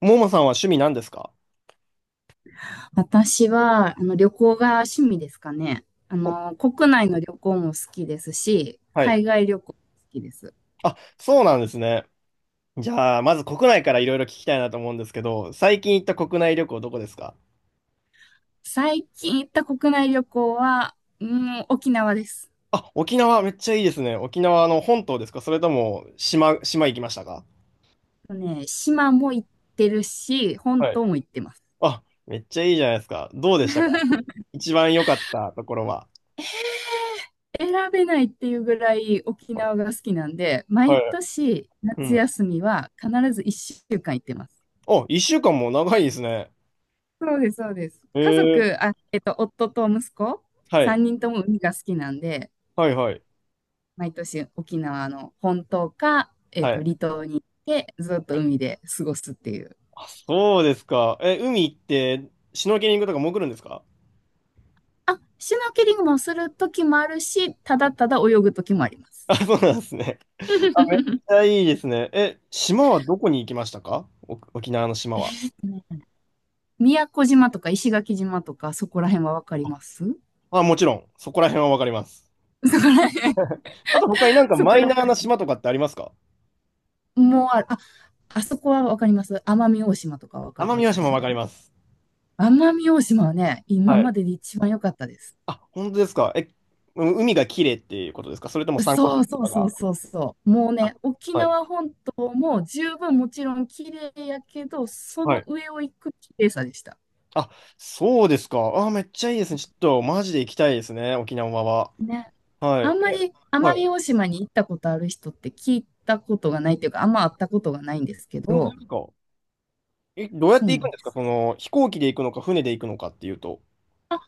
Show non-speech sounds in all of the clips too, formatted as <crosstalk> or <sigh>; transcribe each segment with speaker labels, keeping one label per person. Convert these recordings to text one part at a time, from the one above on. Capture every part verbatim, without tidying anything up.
Speaker 1: ももさんは趣味何ですか？
Speaker 2: 私は、あの、旅行が趣味ですかね。あ
Speaker 1: お、
Speaker 2: の、国内の旅行も好きですし、
Speaker 1: はい。
Speaker 2: 海外旅行も好きです。
Speaker 1: あ、そうなんですね。じゃあ、まず国内からいろいろ聞きたいなと思うんですけど、最近行った国内旅行どこですか？
Speaker 2: 最近行った国内旅行は、うん、沖縄です。
Speaker 1: あ、沖縄めっちゃいいですね。沖縄の本島ですか、それとも島、島行きましたか？
Speaker 2: とね、島も行ってるし、本
Speaker 1: はい。
Speaker 2: 島も行ってます。
Speaker 1: あ、めっちゃいいじゃないですか。どうでしたか？
Speaker 2: <laughs>
Speaker 1: 一番良かったところは。
Speaker 2: 選べないっていうぐらい沖縄が好きなんで、
Speaker 1: は
Speaker 2: 毎
Speaker 1: い。
Speaker 2: 年
Speaker 1: う
Speaker 2: 夏
Speaker 1: ん。
Speaker 2: 休みは必ずいっしゅうかん行ってます。
Speaker 1: お、一週間も長いですね。
Speaker 2: そうです、そうです。
Speaker 1: え
Speaker 2: 家
Speaker 1: ー、
Speaker 2: 族、あ、えっと、夫と息子、
Speaker 1: はい。
Speaker 2: さんにんとも海が好きなんで、
Speaker 1: はいはい。
Speaker 2: 毎年沖縄の本島か、えっ
Speaker 1: は
Speaker 2: と、
Speaker 1: い。
Speaker 2: 離島に行ってずっと海で過ごすっていう。
Speaker 1: あ、そうですか。え、海行って、シュノーケリングとか潜るんですか？
Speaker 2: あ、シュノーケリングもする時もあるし、ただただ泳ぐ時もあります。
Speaker 1: あ、そうなんですね。あ、めっち
Speaker 2: <laughs>
Speaker 1: ゃいいですね。え、島はどこに行きましたか？お、沖縄の島
Speaker 2: え
Speaker 1: は。
Speaker 2: ーっとね、宮古島とか石垣島とかそこら辺はわかります。そ
Speaker 1: あ、もちろん、そこら辺はわかります。
Speaker 2: こら辺、
Speaker 1: あと他になん
Speaker 2: <laughs>
Speaker 1: か
Speaker 2: そ
Speaker 1: マ
Speaker 2: こ
Speaker 1: イナ
Speaker 2: ら
Speaker 1: ーな島とかってありますか？
Speaker 2: 辺。もうああ、あそこはわかります。奄美大島とかわかり
Speaker 1: 奄
Speaker 2: ま
Speaker 1: 美大
Speaker 2: す
Speaker 1: 島も
Speaker 2: か？
Speaker 1: わかります。
Speaker 2: 奄美大島はね、
Speaker 1: は
Speaker 2: 今ま
Speaker 1: い。
Speaker 2: でで一番良かったです。
Speaker 1: あ、本当ですか。え、う、海が綺麗っていうことですか、それとも参考書
Speaker 2: そ
Speaker 1: と
Speaker 2: うそう
Speaker 1: か
Speaker 2: そう
Speaker 1: が。
Speaker 2: そうそう。もう
Speaker 1: あ、
Speaker 2: ね、沖
Speaker 1: はい。
Speaker 2: 縄本島も十分もちろん綺麗やけど、そ
Speaker 1: は
Speaker 2: の
Speaker 1: い。
Speaker 2: 上を行く綺麗さでした。
Speaker 1: あ、そうですか。あ、めっちゃいいですね。ちょっとマジで行きたいですね、沖縄は。
Speaker 2: ね。
Speaker 1: は
Speaker 2: あ
Speaker 1: い。
Speaker 2: んま
Speaker 1: え、
Speaker 2: り
Speaker 1: は
Speaker 2: 奄美
Speaker 1: い。
Speaker 2: 大島に行ったことある人って聞いたことがないっていうか、あんま会ったことがないんですけ
Speaker 1: 本当で
Speaker 2: ど、
Speaker 1: すか。え、どうやっ
Speaker 2: そ
Speaker 1: て
Speaker 2: うな
Speaker 1: 行く
Speaker 2: ん
Speaker 1: んで
Speaker 2: で
Speaker 1: すか、
Speaker 2: す。
Speaker 1: その、飛行機で行くのか、船で行くのかっていうと。
Speaker 2: あ、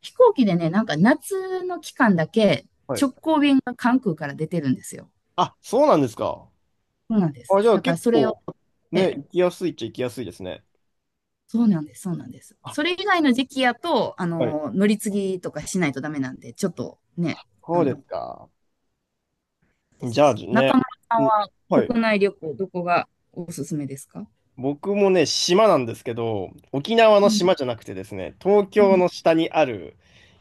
Speaker 2: 飛行機でね、なんか夏の期間だけ
Speaker 1: はい、
Speaker 2: 直行便が関空から出てるんですよ。
Speaker 1: あ、そうなんですか。
Speaker 2: そうなんです。
Speaker 1: あ、じゃあ
Speaker 2: だから
Speaker 1: 結
Speaker 2: それを、
Speaker 1: 構、ね、行きやすいっちゃ行きやすいですね。
Speaker 2: そうなんです、そうなんです。
Speaker 1: あ、
Speaker 2: それ以外の時期やと、あ
Speaker 1: はい。
Speaker 2: の、乗り継ぎとかしないとダメなんで、ちょっとね、あ
Speaker 1: そうです
Speaker 2: の、
Speaker 1: か。
Speaker 2: です
Speaker 1: じゃ
Speaker 2: け
Speaker 1: あ
Speaker 2: ど。
Speaker 1: ね、
Speaker 2: 中村さん
Speaker 1: ん、
Speaker 2: は
Speaker 1: はい。
Speaker 2: 国内旅行、どこがおすすめですか？
Speaker 1: 僕もね、島なんですけど、沖縄
Speaker 2: う
Speaker 1: の
Speaker 2: ん、
Speaker 1: 島じゃなくてですね、東
Speaker 2: う
Speaker 1: 京の
Speaker 2: ん、
Speaker 1: 下にある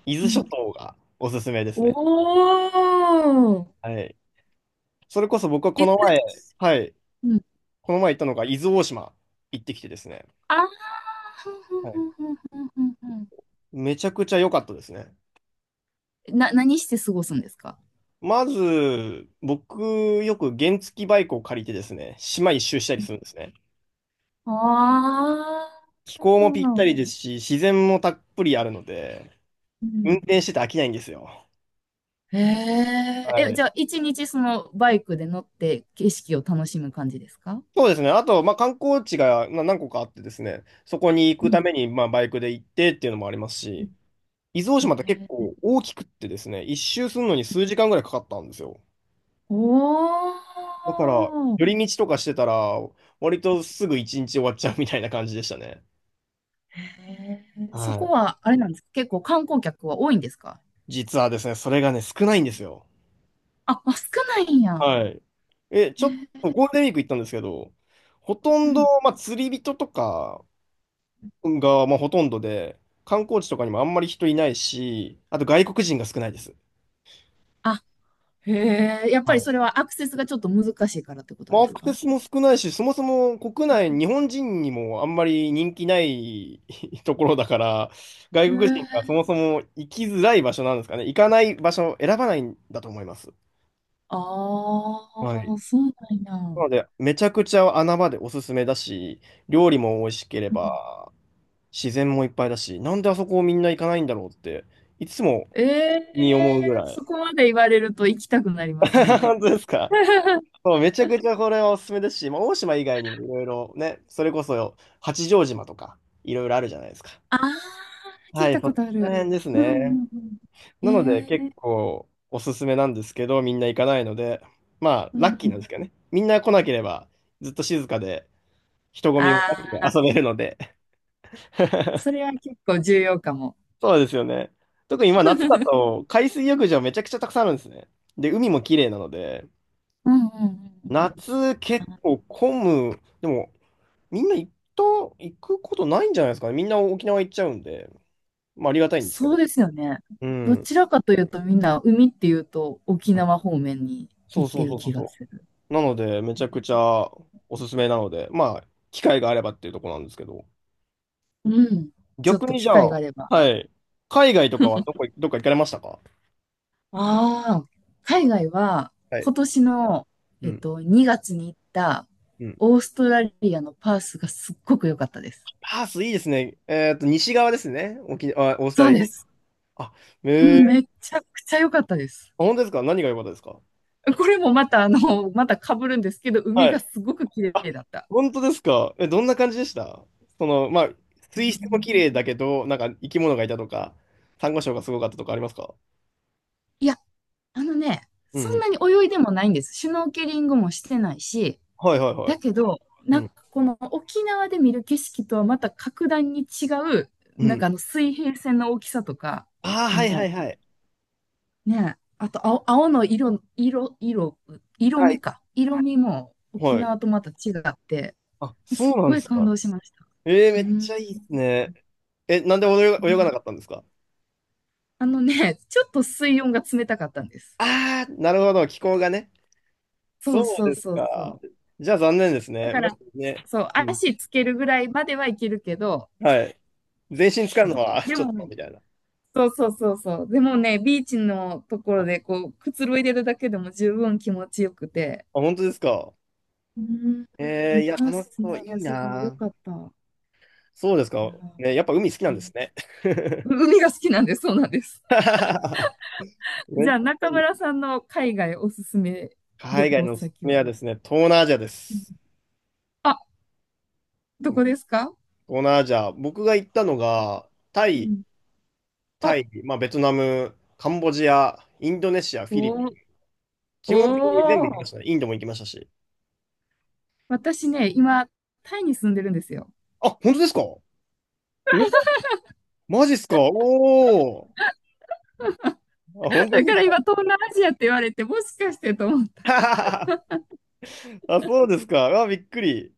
Speaker 1: 伊
Speaker 2: う
Speaker 1: 豆
Speaker 2: ん。
Speaker 1: 諸島がおすすめです
Speaker 2: お
Speaker 1: ね。
Speaker 2: ー、
Speaker 1: はい。それこそ僕はこ
Speaker 2: い
Speaker 1: の前、
Speaker 2: ず、
Speaker 1: はい。
Speaker 2: うん。
Speaker 1: この前行ったのが伊豆大島、行ってきてですね。
Speaker 2: あー、ふんふん
Speaker 1: は
Speaker 2: ふ
Speaker 1: い。
Speaker 2: んふんふんふん
Speaker 1: めちゃくちゃ良かったですね。
Speaker 2: ふん。な、何して過ごすんですか？
Speaker 1: まず、僕、よく原付バイクを借りてですね、島一周したりするんですね。
Speaker 2: あ
Speaker 1: 気
Speaker 2: あ
Speaker 1: 候もぴった
Speaker 2: ー、
Speaker 1: りですし、自然もたっぷりあるので、
Speaker 2: う
Speaker 1: 運
Speaker 2: ん。
Speaker 1: 転してて飽きないんですよ。
Speaker 2: へえ、
Speaker 1: は
Speaker 2: え、
Speaker 1: い。
Speaker 2: じゃあ、いちにちそのバイクで乗って景色を楽しむ感じですか？
Speaker 1: そうですね。あと、まあ、観光地がな何個かあってですね、そこに行
Speaker 2: う
Speaker 1: くた
Speaker 2: ん。
Speaker 1: めに、まあ、バイクで行ってっていうのもありますし、伊豆大
Speaker 2: へ
Speaker 1: 島って結
Speaker 2: え。
Speaker 1: 構大きくってですね、一周するのに数時間ぐらいかかったんですよ。だ
Speaker 2: お
Speaker 1: から、
Speaker 2: ー。
Speaker 1: 寄り道とかしてたら、割とすぐ一日終わっちゃうみたいな感じでしたね。
Speaker 2: へえ。そ
Speaker 1: は
Speaker 2: こ
Speaker 1: い、
Speaker 2: は、あれなんですか？結構観光客は多いんですか？
Speaker 1: 実はですね、それがね、少ないんですよ。
Speaker 2: あ、あ、少ないんや。
Speaker 1: はい。え、ち
Speaker 2: へ
Speaker 1: ょっとゴー
Speaker 2: え。
Speaker 1: ルデンウィーク行ったんですけど、ほと
Speaker 2: う
Speaker 1: んど、
Speaker 2: ん。
Speaker 1: まあ、釣り人とかが、まあ、ほとんどで、観光地とかにもあんまり人いないし、あと外国人が少ないです。
Speaker 2: あ、へえ。やっぱ
Speaker 1: は
Speaker 2: り
Speaker 1: い。
Speaker 2: それはアクセスがちょっと難しいからってこと
Speaker 1: まあ、
Speaker 2: で
Speaker 1: ア
Speaker 2: す
Speaker 1: クセ
Speaker 2: か？
Speaker 1: スも少ないし、そもそも国内、日本人にもあんまり人気ない <laughs> ところだから、外
Speaker 2: へ
Speaker 1: 国人
Speaker 2: え。
Speaker 1: がそもそも行きづらい場所なんですかね。行かない場所を選ばないんだと思います。
Speaker 2: あ
Speaker 1: はい。
Speaker 2: あ、そうなん
Speaker 1: な
Speaker 2: や。
Speaker 1: ので、めちゃくちゃ穴場でおすすめだし、料理も美味しけれ
Speaker 2: うん。
Speaker 1: ば、自然もいっぱいだし、なんであそこをみんな行かないんだろうって、いつも
Speaker 2: ええ、
Speaker 1: に思うぐらい。
Speaker 2: そこまで言われると行きたくなります
Speaker 1: <laughs>
Speaker 2: ね。
Speaker 1: 本当ですか？
Speaker 2: <laughs>
Speaker 1: そう、めちゃくちゃこれはおすすめですし、まあ、大島以外にもいろいろね、それこそ八丈島とか、いろいろあるじゃないですか。
Speaker 2: ああ、聞
Speaker 1: は
Speaker 2: い
Speaker 1: い、
Speaker 2: た
Speaker 1: そ
Speaker 2: こ
Speaker 1: こ
Speaker 2: とあ
Speaker 1: ら
Speaker 2: る。
Speaker 1: 辺です
Speaker 2: うんう
Speaker 1: ね。
Speaker 2: んうん。
Speaker 1: なので、
Speaker 2: え
Speaker 1: 結
Speaker 2: え。
Speaker 1: 構おすすめなんですけど、みんな行かないので、まあ、
Speaker 2: うん
Speaker 1: ラッキ
Speaker 2: う
Speaker 1: ーなん
Speaker 2: ん。
Speaker 1: ですけどね。みんな来なければ、ずっと静かで、人混みもなくて
Speaker 2: ああ、
Speaker 1: 遊べるので、
Speaker 2: そ
Speaker 1: <laughs>
Speaker 2: れは結構重要かも。
Speaker 1: そうですよね。特に今
Speaker 2: う
Speaker 1: 夏だ
Speaker 2: ん
Speaker 1: と海水浴場めちゃくちゃたくさんあるんですね。で、海も綺麗なので、
Speaker 2: うんうんうん。
Speaker 1: 夏結構混む。でも、みんな行った、行くことないんじゃないですかね。みんな沖縄行っちゃうんで、まあありがたいんですけ
Speaker 2: そう
Speaker 1: ど。
Speaker 2: ですよね。
Speaker 1: う
Speaker 2: ど
Speaker 1: ん。
Speaker 2: ちらかというとみんな海っていうと沖縄方面に
Speaker 1: そう
Speaker 2: 行っ
Speaker 1: そ
Speaker 2: て
Speaker 1: う
Speaker 2: る
Speaker 1: そうそう
Speaker 2: 気が
Speaker 1: そ
Speaker 2: する。
Speaker 1: う。なので、めちゃくちゃおすすめなので、まあ、機会があればっていうところなんですけど。
Speaker 2: うん。ちょっ
Speaker 1: 逆
Speaker 2: と
Speaker 1: にじ
Speaker 2: 機
Speaker 1: ゃ
Speaker 2: 会が
Speaker 1: あ、
Speaker 2: あれば。
Speaker 1: はい。海外とかはどこ、どっか行かれましたか？
Speaker 2: ああ、海外は
Speaker 1: はい。
Speaker 2: 今年の、
Speaker 1: う
Speaker 2: えっ
Speaker 1: ん。
Speaker 2: と、にがつに行った
Speaker 1: うん、
Speaker 2: オーストラリアのパースがすっごく良かったです。
Speaker 1: パースいいですね。えーっと、西側ですね。沖、あ、オースト
Speaker 2: そ
Speaker 1: ラ
Speaker 2: う
Speaker 1: リア。
Speaker 2: です。
Speaker 1: あ、
Speaker 2: う
Speaker 1: え
Speaker 2: ん、
Speaker 1: ー、
Speaker 2: めちゃくちゃ良かったです。
Speaker 1: あ、本当ですか？何が良かったですか？
Speaker 2: これもまたあの、また被るんですけど、海
Speaker 1: は
Speaker 2: が
Speaker 1: い。
Speaker 2: すごく綺
Speaker 1: あ、
Speaker 2: 麗だった。
Speaker 1: 本当ですか？え、どんな感じでした？その、まあ、
Speaker 2: うー
Speaker 1: 水質も綺麗
Speaker 2: ん。
Speaker 1: だけど、なんか生き物がいたとか、サンゴ礁がすごかったとかありますか？
Speaker 2: いや、あのね、
Speaker 1: うん
Speaker 2: そ
Speaker 1: う
Speaker 2: ん
Speaker 1: ん。
Speaker 2: なに泳いでもないんです。シュノーケリングもしてないし、
Speaker 1: はいはいは
Speaker 2: だ
Speaker 1: い。
Speaker 2: けど、
Speaker 1: う
Speaker 2: なんか
Speaker 1: ん。
Speaker 2: この沖縄で見る景色とはまた格段に違う、
Speaker 1: う
Speaker 2: なんか
Speaker 1: ん。
Speaker 2: あの水平線の大きさとか、
Speaker 1: ああ、
Speaker 2: こ
Speaker 1: はいは
Speaker 2: の
Speaker 1: いはい。
Speaker 2: ね、あと青、青の色、色、色、色、
Speaker 1: は
Speaker 2: 味
Speaker 1: い。
Speaker 2: か。色味も沖
Speaker 1: はい。
Speaker 2: 縄とまた違って、
Speaker 1: あ、
Speaker 2: す
Speaker 1: そ
Speaker 2: っ
Speaker 1: うなん
Speaker 2: ご
Speaker 1: で
Speaker 2: い
Speaker 1: す
Speaker 2: 感
Speaker 1: か。
Speaker 2: 動しました。
Speaker 1: えー、
Speaker 2: う
Speaker 1: め
Speaker 2: ー
Speaker 1: っち
Speaker 2: ん。
Speaker 1: ゃいいですね。え、なんで泳が、泳が
Speaker 2: ね。
Speaker 1: なかったんですか？
Speaker 2: あのね、ちょっと水温が冷たかったんです。
Speaker 1: ああー、なるほど。気候がね。
Speaker 2: そう
Speaker 1: そう
Speaker 2: そう
Speaker 1: です
Speaker 2: そうそ
Speaker 1: か。
Speaker 2: う。
Speaker 1: じゃあ残念です
Speaker 2: だ
Speaker 1: ね。
Speaker 2: か
Speaker 1: もし
Speaker 2: ら、
Speaker 1: ね、
Speaker 2: そう、
Speaker 1: うん。
Speaker 2: 足つけるぐらいまではいけるけど、
Speaker 1: はい。全身使う
Speaker 2: そ
Speaker 1: の
Speaker 2: う。
Speaker 1: は <laughs>
Speaker 2: で
Speaker 1: ちょっ
Speaker 2: も
Speaker 1: と、
Speaker 2: ね、
Speaker 1: みたいな。
Speaker 2: そうそうそうそう。でもね、ビーチのところ
Speaker 1: あ、
Speaker 2: でこう、くつろいでるだけでも十分気持ちよくて。
Speaker 1: 本当ですか。
Speaker 2: うー
Speaker 1: えー、
Speaker 2: ん、
Speaker 1: いや、
Speaker 2: パー
Speaker 1: 楽し
Speaker 2: ス
Speaker 1: そう。
Speaker 2: ね、
Speaker 1: いい
Speaker 2: すごい良
Speaker 1: な。
Speaker 2: かった。い
Speaker 1: そうです
Speaker 2: や
Speaker 1: か。ね、やっぱ海好きな
Speaker 2: ー、
Speaker 1: んですね。
Speaker 2: うん、海が好きなんで、そうなんです。
Speaker 1: <laughs>
Speaker 2: <laughs>
Speaker 1: めっ
Speaker 2: じゃ
Speaker 1: ち
Speaker 2: あ、
Speaker 1: ゃ
Speaker 2: 中
Speaker 1: いい。
Speaker 2: 村さんの海外おすすめ
Speaker 1: 海
Speaker 2: 旅
Speaker 1: 外
Speaker 2: 行
Speaker 1: のおすす
Speaker 2: 先
Speaker 1: めは
Speaker 2: は？
Speaker 1: ですね、東南アジアで
Speaker 2: うん。
Speaker 1: す。
Speaker 2: あ、どこですか？
Speaker 1: 東南アジア。僕が行ったのが、タ
Speaker 2: う
Speaker 1: イ、
Speaker 2: ん。
Speaker 1: タ
Speaker 2: お、
Speaker 1: イ、まあ、ベトナム、カンボジア、インドネシア、フィリピ
Speaker 2: お
Speaker 1: ン。
Speaker 2: ー、
Speaker 1: 基本的に全部行き
Speaker 2: お
Speaker 1: ま
Speaker 2: ー。
Speaker 1: したね。インドも行きましたし。
Speaker 2: 私ね、今、タイに住んでるんですよ。
Speaker 1: あ、本当ですか？お、マジっすか？おおー。あ、本当で
Speaker 2: だから
Speaker 1: す
Speaker 2: 今、東南アジアって言われて、もしかしてと思った。
Speaker 1: か？ <laughs> あ、そうですか。あ、びっくり。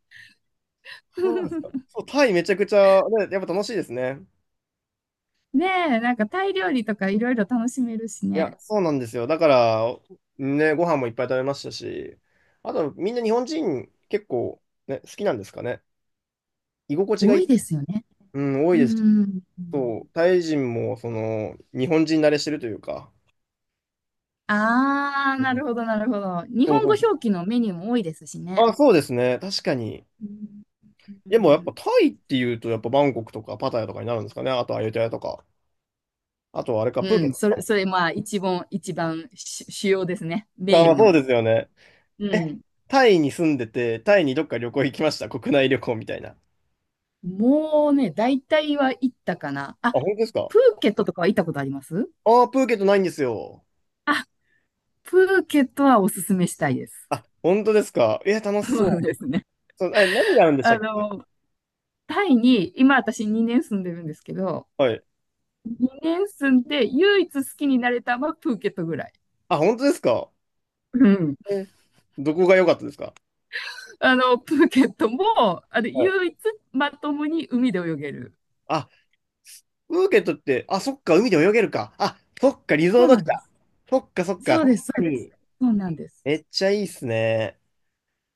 Speaker 1: そうなんですか。
Speaker 2: <laughs>
Speaker 1: そう、タイめちゃくちゃ、ね、やっぱ楽しいですね。
Speaker 2: ねえ、なんかタイ料理とかいろいろ楽しめるし
Speaker 1: いや、
Speaker 2: ね。
Speaker 1: そうなんですよ。だから、ね、ご飯もいっぱい食べましたし、あと、みんな日本人結構、ね、好きなんですかね。居心地がい
Speaker 2: 多
Speaker 1: い、
Speaker 2: いですよね。
Speaker 1: うん、多い
Speaker 2: う
Speaker 1: です。
Speaker 2: ん。
Speaker 1: そう、タイ人も、その、日本人慣れしてるというか。
Speaker 2: あー、
Speaker 1: う
Speaker 2: な
Speaker 1: ん、
Speaker 2: るほど、なるほど。日
Speaker 1: そう
Speaker 2: 本
Speaker 1: そ
Speaker 2: 語
Speaker 1: う。
Speaker 2: 表記のメニューも多いですしね。
Speaker 1: あ、そうですね。確かに。
Speaker 2: うん、う
Speaker 1: でもや
Speaker 2: ん
Speaker 1: っぱタイっていうと、やっぱバンコクとかパタヤとかになるんですかね。あとアユタヤとか。あとはあれか、プー
Speaker 2: う
Speaker 1: ケッ
Speaker 2: ん。
Speaker 1: トと
Speaker 2: そ
Speaker 1: か
Speaker 2: れ、
Speaker 1: も。
Speaker 2: それ、まあ、一番、一番主主要ですね。メ
Speaker 1: あー、
Speaker 2: イ
Speaker 1: まあ、
Speaker 2: ン
Speaker 1: そうで
Speaker 2: の。
Speaker 1: すよね。
Speaker 2: う
Speaker 1: え、
Speaker 2: ん。
Speaker 1: タイに住んでて、タイにどっか旅行行きました。国内旅行みたいな。あ、
Speaker 2: もうね、大体は行ったかな。あ、
Speaker 1: 本当ですか？
Speaker 2: プーケットとかは行ったことあります？
Speaker 1: ああー、プーケットないんですよ。
Speaker 2: あ、プーケットはおすすめしたいです。
Speaker 1: あ、本当ですか？え、楽し
Speaker 2: そう
Speaker 1: そ
Speaker 2: ですね。
Speaker 1: う。そう、え、何があるんでした
Speaker 2: あ
Speaker 1: っけ？
Speaker 2: の、タイに、今私にねん住んでるんですけど、
Speaker 1: はい。
Speaker 2: にねん住んで唯一好きになれたのはプーケットぐらい。
Speaker 1: あ、本当ですか？
Speaker 2: うん。
Speaker 1: え、どこが良かったですか？
Speaker 2: あの、プーケットも、あの、
Speaker 1: はい。
Speaker 2: 唯一まともに海で泳げる。
Speaker 1: あ、プーケットって、あ、そっか、海で泳げるか。あ、そっか、リゾ
Speaker 2: そ
Speaker 1: ー
Speaker 2: う
Speaker 1: ト
Speaker 2: な
Speaker 1: 地
Speaker 2: んで
Speaker 1: だ。
Speaker 2: す。
Speaker 1: そっか、そっか、
Speaker 2: そう
Speaker 1: 確
Speaker 2: です、そ
Speaker 1: か
Speaker 2: うです。
Speaker 1: に。
Speaker 2: そうなんです。
Speaker 1: めっちゃいいっすね。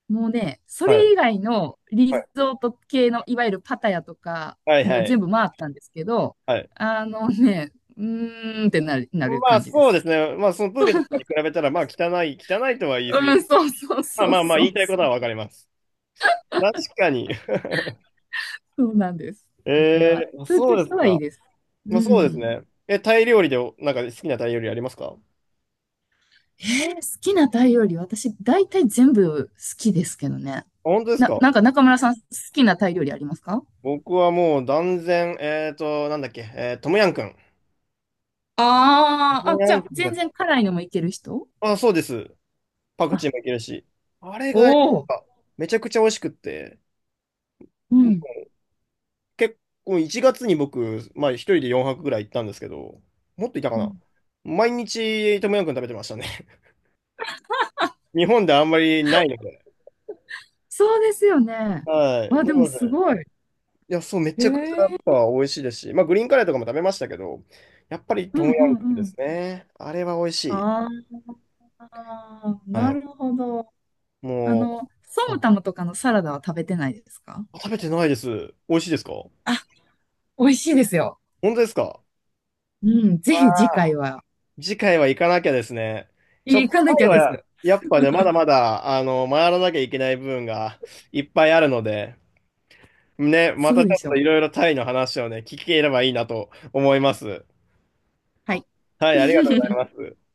Speaker 2: もうね、そ
Speaker 1: はい。
Speaker 2: れ以外のリ
Speaker 1: は
Speaker 2: ゾ
Speaker 1: い。
Speaker 2: ート系の、いわゆるパタヤとか、
Speaker 1: はい、
Speaker 2: も
Speaker 1: は
Speaker 2: う
Speaker 1: い。
Speaker 2: 全部回ったんですけど、
Speaker 1: はい、
Speaker 2: あのね、うーんってなる、なる、
Speaker 1: まあ
Speaker 2: 感じで
Speaker 1: そうで
Speaker 2: す。
Speaker 1: すね。まあそのプーケットとかに比べたら、まあ汚い、汚いとは言い過ぎ
Speaker 2: うん、
Speaker 1: る。
Speaker 2: そうそう
Speaker 1: まあ
Speaker 2: そう
Speaker 1: まあまあ
Speaker 2: そ
Speaker 1: 言い
Speaker 2: う
Speaker 1: たいこ
Speaker 2: そ
Speaker 1: とは
Speaker 2: う。
Speaker 1: わかります。確かに。
Speaker 2: そうなんです。
Speaker 1: <laughs>
Speaker 2: だか
Speaker 1: え
Speaker 2: ら、
Speaker 1: ー、
Speaker 2: プー
Speaker 1: そ
Speaker 2: ケッ
Speaker 1: うです
Speaker 2: トはいい
Speaker 1: か。
Speaker 2: です。
Speaker 1: ま
Speaker 2: う
Speaker 1: あそうです
Speaker 2: ん。
Speaker 1: ね。え、タイ料理でお、なんか好きなタイ料理ありますか？あ、
Speaker 2: えー好きなタイ料理、私、大体全部好きですけどね。
Speaker 1: 本当です
Speaker 2: な、
Speaker 1: か？
Speaker 2: なんか中村さん、好きなタイ料理ありますか？
Speaker 1: 僕はもう断然、えーと、なんだっけ、えートムヤン君。ト
Speaker 2: あー
Speaker 1: ム
Speaker 2: あ、
Speaker 1: ヤ
Speaker 2: じゃ
Speaker 1: ン
Speaker 2: あ、
Speaker 1: 君が、
Speaker 2: 全然辛いのもいける人？
Speaker 1: あ、そうです。パクチ
Speaker 2: あ、
Speaker 1: ーもいけるし。あれ
Speaker 2: お
Speaker 1: が、やっ
Speaker 2: お。
Speaker 1: ぱめちゃくちゃ美味しくって、
Speaker 2: うん。
Speaker 1: 結構いちがつに僕、まあ一人でよんぱくぐらい行ったんですけど、もっといたか
Speaker 2: う
Speaker 1: な。
Speaker 2: ん。
Speaker 1: 毎日トムヤムクン食べてましたね。<laughs> 日本であんまりないので。
Speaker 2: そうですよね。
Speaker 1: はい。
Speaker 2: あ、
Speaker 1: な
Speaker 2: でも
Speaker 1: ので、
Speaker 2: すごい。
Speaker 1: いや、そう、め
Speaker 2: へ
Speaker 1: ちゃくちゃやっ
Speaker 2: え。
Speaker 1: ぱ美味しいですし、まあグリーンカレーとかも食べましたけど、やっぱり
Speaker 2: う
Speaker 1: ト
Speaker 2: ん
Speaker 1: ム
Speaker 2: う
Speaker 1: ヤ
Speaker 2: ん
Speaker 1: ムクンで
Speaker 2: うん。
Speaker 1: すね。あれは美味しい。
Speaker 2: ああ、
Speaker 1: は
Speaker 2: な
Speaker 1: い。
Speaker 2: るほど。あ
Speaker 1: も
Speaker 2: の、ソ
Speaker 1: う、は
Speaker 2: ム
Speaker 1: い。
Speaker 2: タムとかのサラダは食べてないですか？
Speaker 1: 食べてないです。美味しいですか？本
Speaker 2: あ、美味しいですよ。
Speaker 1: 当ですか？
Speaker 2: うん、ぜひ次回は
Speaker 1: 次回は行かなきゃですね。ちょっ
Speaker 2: 行
Speaker 1: と
Speaker 2: か
Speaker 1: タ
Speaker 2: なき
Speaker 1: イ
Speaker 2: ゃです。
Speaker 1: はやっぱね、まだまだ、あの、回らなきゃいけない部分がいっぱいあるので、ね、ま
Speaker 2: そ
Speaker 1: た
Speaker 2: う
Speaker 1: ち
Speaker 2: で
Speaker 1: ょ
Speaker 2: し
Speaker 1: っと
Speaker 2: ょ
Speaker 1: いろ
Speaker 2: う。
Speaker 1: いろタイの話をね、聞ければいいなと思います。
Speaker 2: はい。
Speaker 1: はい、ありがとうござい
Speaker 2: <laughs>
Speaker 1: ます。